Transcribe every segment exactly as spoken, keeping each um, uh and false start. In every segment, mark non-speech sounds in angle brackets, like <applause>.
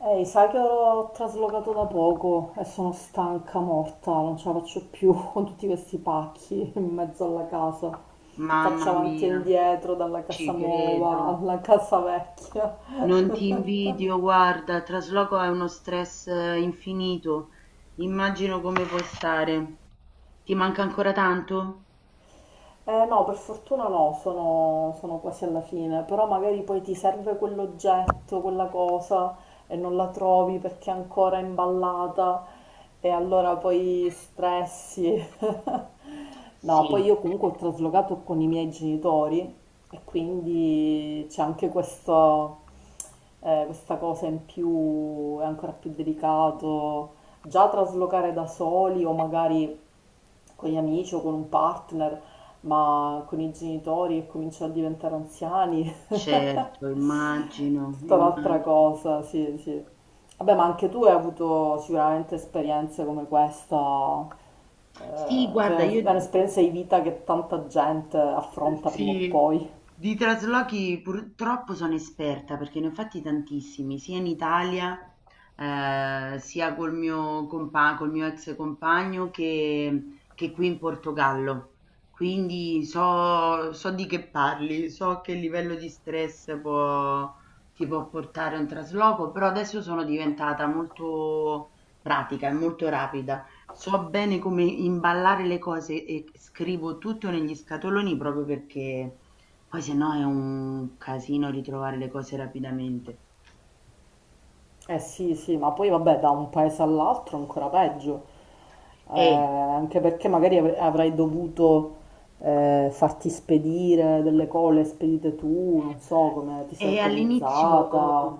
Ehi, sai che ho traslocato da poco e sono stanca morta, non ce la faccio più <laughs> con tutti questi pacchi in mezzo alla casa. Faccio Mamma avanti e mia, indietro dalla casa ci nuova credo. alla casa vecchia. Non ti invidio, guarda, il trasloco è uno stress eh, infinito. Immagino come puoi stare. Ti manca ancora tanto? Eh, no, per fortuna no, sono, sono quasi alla fine, però magari poi ti serve quell'oggetto, quella cosa e non la trovi perché è ancora imballata e allora poi stressi. <laughs> No, poi Sì, io comunque ho traslocato con i miei genitori e quindi c'è anche questo, eh, questa cosa in più, è ancora più delicato. Già traslocare da soli o magari con gli amici o con un partner, ma con i genitori che cominciano a diventare anziani, certo, <laughs> immagino, tutta un'altra immagino. cosa, sì, sì. Vabbè, ma anche tu hai avuto sicuramente esperienze come questa, Sì, eh, guarda, è io un'esperienza di vita che tanta gente affronta prima o Sì, poi. di traslochi purtroppo sono esperta perché ne ho fatti tantissimi, sia in Italia, eh, sia col mio compa- col mio ex compagno che, che qui in Portogallo. Quindi so, so di che parli, so che livello di stress può- ti può portare un trasloco, però adesso sono diventata molto pratica e molto rapida. So bene come imballare le cose e scrivo tutto negli scatoloni proprio perché poi se no è un casino ritrovare le cose rapidamente. Eh sì, sì, ma poi vabbè, da un paese all'altro ancora peggio. Eh, E anche perché magari avre- avrai dovuto eh, farti spedire delle cose spedite tu, non so come ti sei E all'inizio organizzata,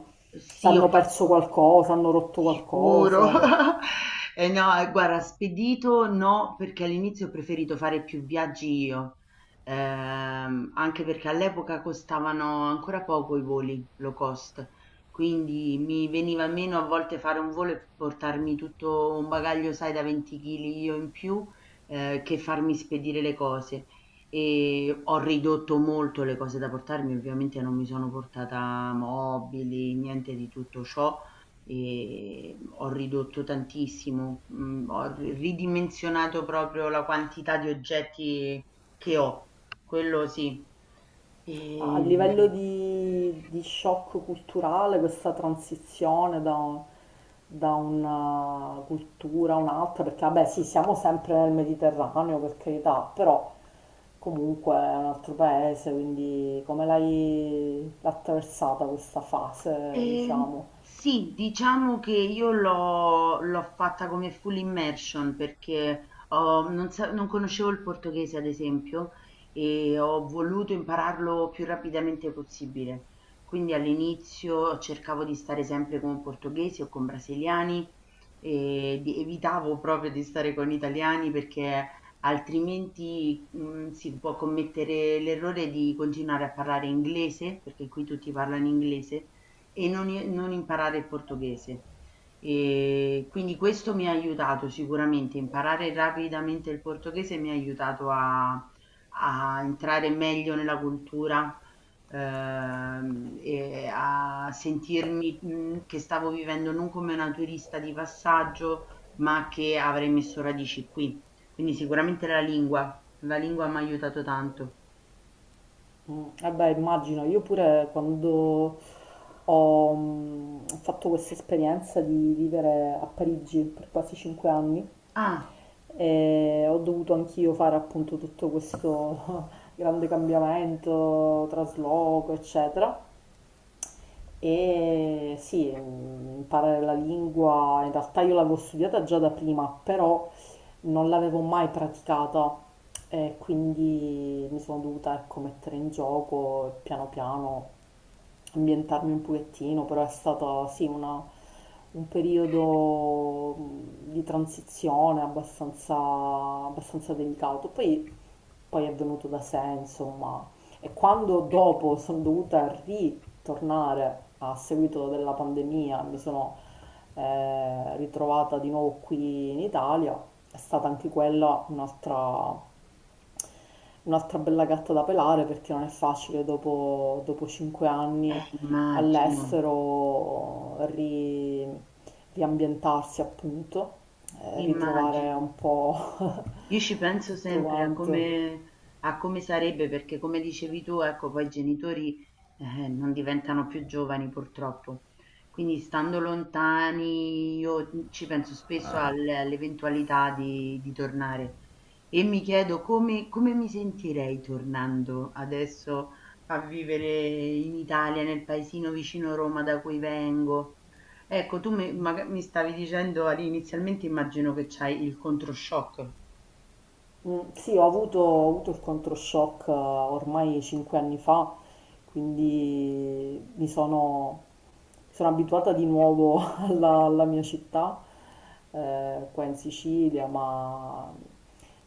se sì, ho hanno perso fatto qualcosa, hanno rotto sicuro. qualcosa. <laughs> E no, e guarda, spedito no, perché all'inizio ho preferito fare più viaggi io, ehm, anche perché all'epoca costavano ancora poco i voli low cost, quindi mi veniva meno a volte fare un volo e portarmi tutto un bagaglio, sai, da venti chili io in più, eh, che farmi spedire le cose. E ho ridotto molto le cose da portarmi, ovviamente non mi sono portata mobili, niente di tutto ciò, e ho ridotto tantissimo, mhmm, ho ri ridimensionato proprio la quantità di oggetti che ho, quello sì. A livello Ehm di, di shock culturale, questa transizione da, da una cultura a un'altra, perché vabbè sì, siamo sempre nel Mediterraneo, per carità, però comunque è un altro paese, quindi come l'hai l'hai attraversata questa fase, Ehm, diciamo? sì, diciamo che io l'ho l'ho fatta come full immersion perché ho- non, sa- non conoscevo il portoghese, ad esempio, e ho voluto impararlo più rapidamente possibile. Quindi all'inizio cercavo di stare sempre con portoghesi o con brasiliani e di- evitavo proprio di stare con italiani perché altrimenti mh, si può commettere l'errore di continuare a parlare inglese, perché qui tutti parlano inglese e non i non imparare il portoghese. Ehm, quindi questo mi ha aiutato sicuramente, imparare rapidamente il portoghese mi ha aiutato a a entrare meglio nella cultura, ehm, e a sentirmi, mhmm, che stavo vivendo non come una turista di passaggio, ma che avrei messo radici qui. Quindi sicuramente la lingua, la lingua m'ha aiutato tanto. Mm, eh beh, immagino, io pure quando ho mm, fatto questa esperienza di vivere a Parigi per quasi cinque anni, Ah, e ho dovuto anch'io fare appunto tutto questo <laughs> grande cambiamento, trasloco, eccetera. E sì, mm, imparare la lingua, in realtà io l'avevo studiata già da prima, però non l'avevo mai praticata e quindi mi sono dovuta, ecco, mettere in gioco e piano piano ambientarmi un pochettino, però è stato sì una- un periodo mh, di transizione abbastanza, abbastanza delicato. Poi poi è venuto da sé, insomma. E quando dopo sono dovuta ritornare a seguito della pandemia, mi sono eh, ritrovata di nuovo qui in Italia, è stata anche quella un'altra, un'altra bella gatta da pelare perché non è facile dopo, dopo cinque anni eh immagino, all'estero ri- riambientarsi appunto, eh, ritrovare immagino. un po' Io ci <laughs> penso tutto sempre a quanto. come, a come sarebbe, perché come dicevi tu, ecco, poi i genitori eh, non diventano più giovani purtroppo. Quindi stando lontani, io ci penso spesso al- all'eventualità di, di tornare e mi chiedo come, come mi sentirei tornando adesso a vivere in Italia, nel paesino vicino Roma da cui vengo. Ecco, tu mi, maga- mi stavi dicendo all'inizialmente, immagino che c'hai il controshock. Mm, sì, ho avuto, ho avuto il controshock eh, ormai cinque anni fa, quindi mi sono, mi sono abituata di nuovo <laughs> alla, alla mia città, eh, qua in Sicilia, ma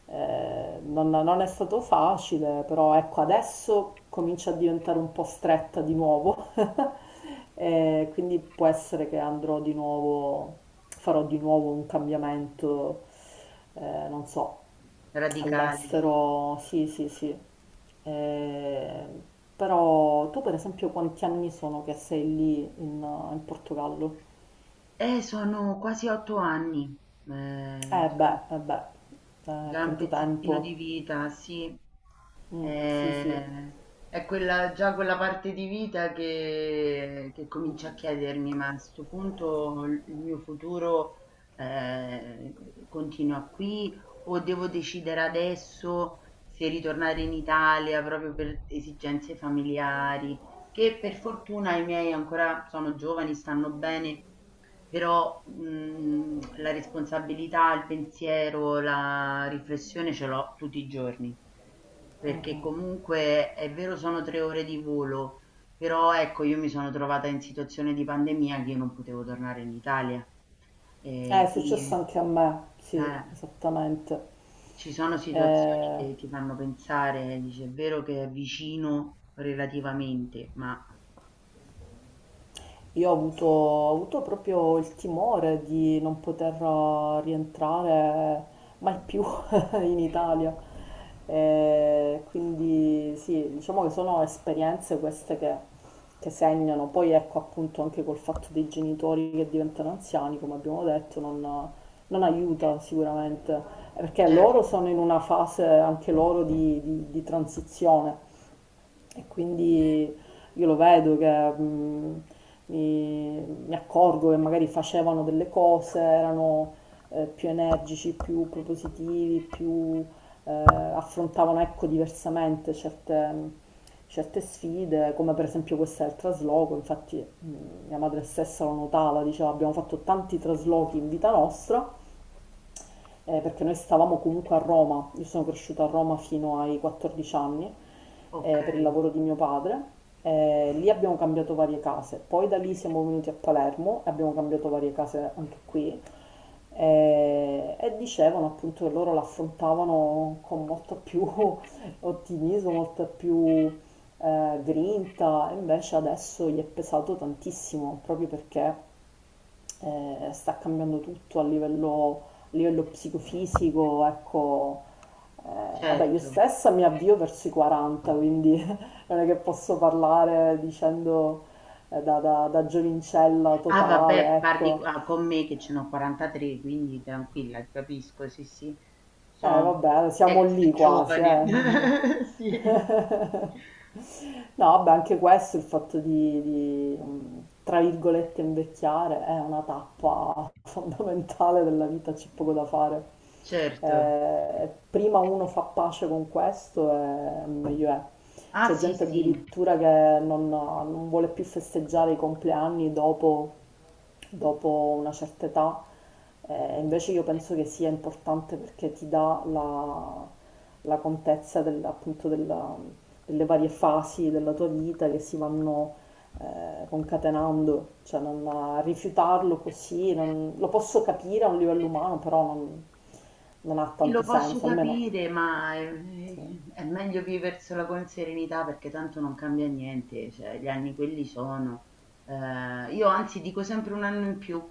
eh, non, non è stato facile, però ecco, adesso comincia a diventare un po' stretta di nuovo, <laughs> e quindi può essere che andrò di nuovo, farò di nuovo un cambiamento, eh, non so, Radicale. all'estero, sì, sì, sì. Eh, però tu per esempio quanti anni sono che sei lì in in Portogallo? Eh, sono quasi otto anni, eh, Eh già, beh, eh beh, eh, già un tanto tempo. pezzettino di vita, sì. Mm, sì, sì. Eh, è quella, già quella parte di vita che, che comincia a chiedermi, ma a questo punto il il mio futuro eh, continua qui o devo decidere adesso se ritornare in Italia proprio per esigenze familiari, che per fortuna i miei ancora sono giovani, stanno bene. Però, mhmm, la responsabilità, il pensiero, la riflessione ce l'ho tutti i giorni, perché comunque è vero sono tre ore di volo, però ecco io mi sono trovata in situazione di pandemia che io non potevo tornare in Italia. Eh, è Ehm, successo Quindi anche a me, sì, eh, esattamente. ci sono situazioni Eh, che ti fanno pensare, dici: "È vero che è vicino relativamente, ma". Io ho avuto, ho avuto proprio il timore di non poter rientrare mai più <laughs> in Italia. E quindi sì, diciamo che sono esperienze queste che, che segnano. Poi ecco appunto anche col fatto dei genitori che diventano anziani, come abbiamo detto, non, non aiuta sicuramente, perché Certo, loro sono in una fase anche loro di, di- di transizione. E quindi io lo vedo che mh, mi, mi accorgo che magari facevano delle cose, erano eh, più energici, più propositivi, più eh, affrontavano ecco, diversamente certe, certe sfide, come per esempio questa del trasloco, infatti mh, mia madre stessa lo notava, diceva abbiamo fatto tanti traslochi in vita nostra eh, perché noi stavamo comunque a Roma, io sono cresciuta a Roma fino ai quattordici anni eh, per il okay, lavoro di mio padre, eh, lì abbiamo cambiato varie case, poi da lì siamo venuti a Palermo e abbiamo cambiato varie case anche qui eh, e dicevano appunto che loro l'affrontavano con molto più <laughs> ottimismo, molto più eh, grinta, e invece adesso gli è pesato tantissimo proprio perché eh, sta cambiando tutto a livello, a livello psicofisico, ecco, eh, vabbè, io certo. stessa mi avvio verso i quaranta, quindi <laughs> non è che posso parlare dicendo eh, da, da, da giovincella Ah totale, vabbè, parli co- ecco. ah, con me che ce n'ho quarantatré, quindi tranquilla, ti capisco, sì sì, Eh, sono vabbè, siamo ex lì quasi, giovane. eh. Quindi. <laughs> Sì, <laughs> No, vabbè, anche questo, il fatto di, di, mh, tra virgolette, invecchiare è una tappa <laughs> fondamentale della vita, c'è poco da fare. certo. Eh, prima uno fa pace con questo, e meglio è. Ah C'è sì gente sì, addirittura che non, non vuole più festeggiare i compleanni dopo, dopo una certa età, eh, invece io penso che sia importante perché ti dà la, la contezza del- appunto della- delle varie fasi della tua vita che si vanno eh, concatenando, cioè non rifiutarlo così, non- lo posso capire a un livello umano, però non, non ha sì, tanto lo posso senso, almeno... capire, ma sì. eh, è meglio viversela con serenità perché tanto non cambia niente, cioè gli anni quelli sono. Eh, io anzi dico sempre un anno in più.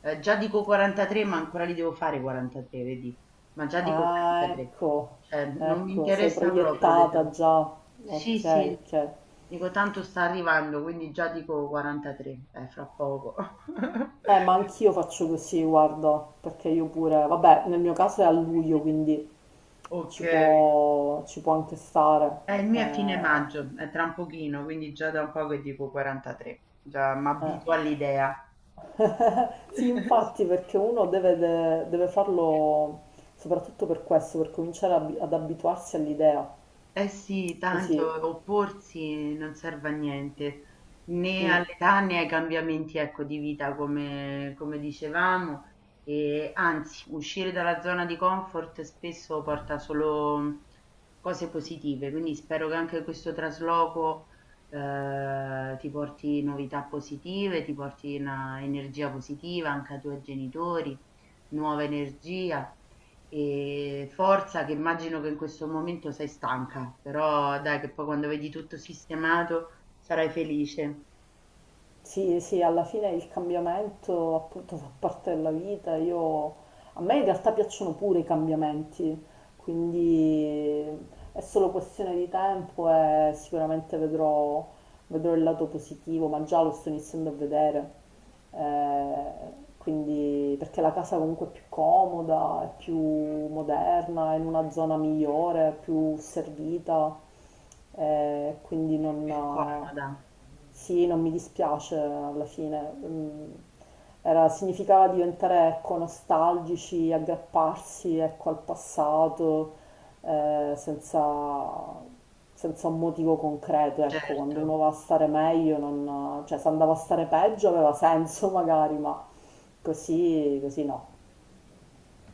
Eh, già dico quarantatré, ma ancora li devo fare quarantatré, vedi? Ma già dico Ah, quarantatré, ecco, cioè non mi ecco, sei interessa proprio proiettata l'età. già. Sì, Ok, sì, ok. dico tanto sta arrivando, quindi già dico quarantatré, eh, fra poco. <laughs> Eh, ma anch'io faccio così, guarda, perché io pure, vabbè, nel mio caso è a luglio, quindi Ok. ci può, ci può anche stare. Eh, il mio è fine Eh, maggio, è tra un pochino, quindi già da un po' che dico quarantatré, già eh. m'abituo all'idea. <laughs> Sì, <laughs> infatti, perché uno deve, de- deve farlo soprattutto per questo, per cominciare a- ad abituarsi all'idea. Eh sì, Così. tanto opporsi non serve a niente, né Mm. all'età né ai cambiamenti, ecco, di vita, come, come dicevamo, e anzi, uscire dalla zona di comfort spesso porta solo mm, cose positive, quindi spero che anche questo trasloco eh, ti porti novità positive, ti porti una energia positiva anche ai tuoi genitori, nuova energia. E forza che immagino che in questo momento sei stanca, però dai che poi quando vedi tutto sistemato sarai felice, Sì, sì, alla fine il cambiamento appunto fa parte della vita. Io, a me in realtà piacciono pure i cambiamenti, quindi è solo questione di tempo e sicuramente vedrò, vedrò il lato positivo, ma già lo sto iniziando a vedere. Eh, quindi, perché la casa comunque è più comoda, è più moderna, è in una zona migliore, più servita, eh, quindi più non... comoda, Sì, non mi dispiace alla fine. Mm, era, significava diventare ecco, nostalgici, aggrapparsi ecco, al passato eh, senza, senza un motivo concreto. Ecco, quando certo. uno va a stare meglio, non- cioè se andava a stare peggio aveva senso <laughs> magari, ma così, così no.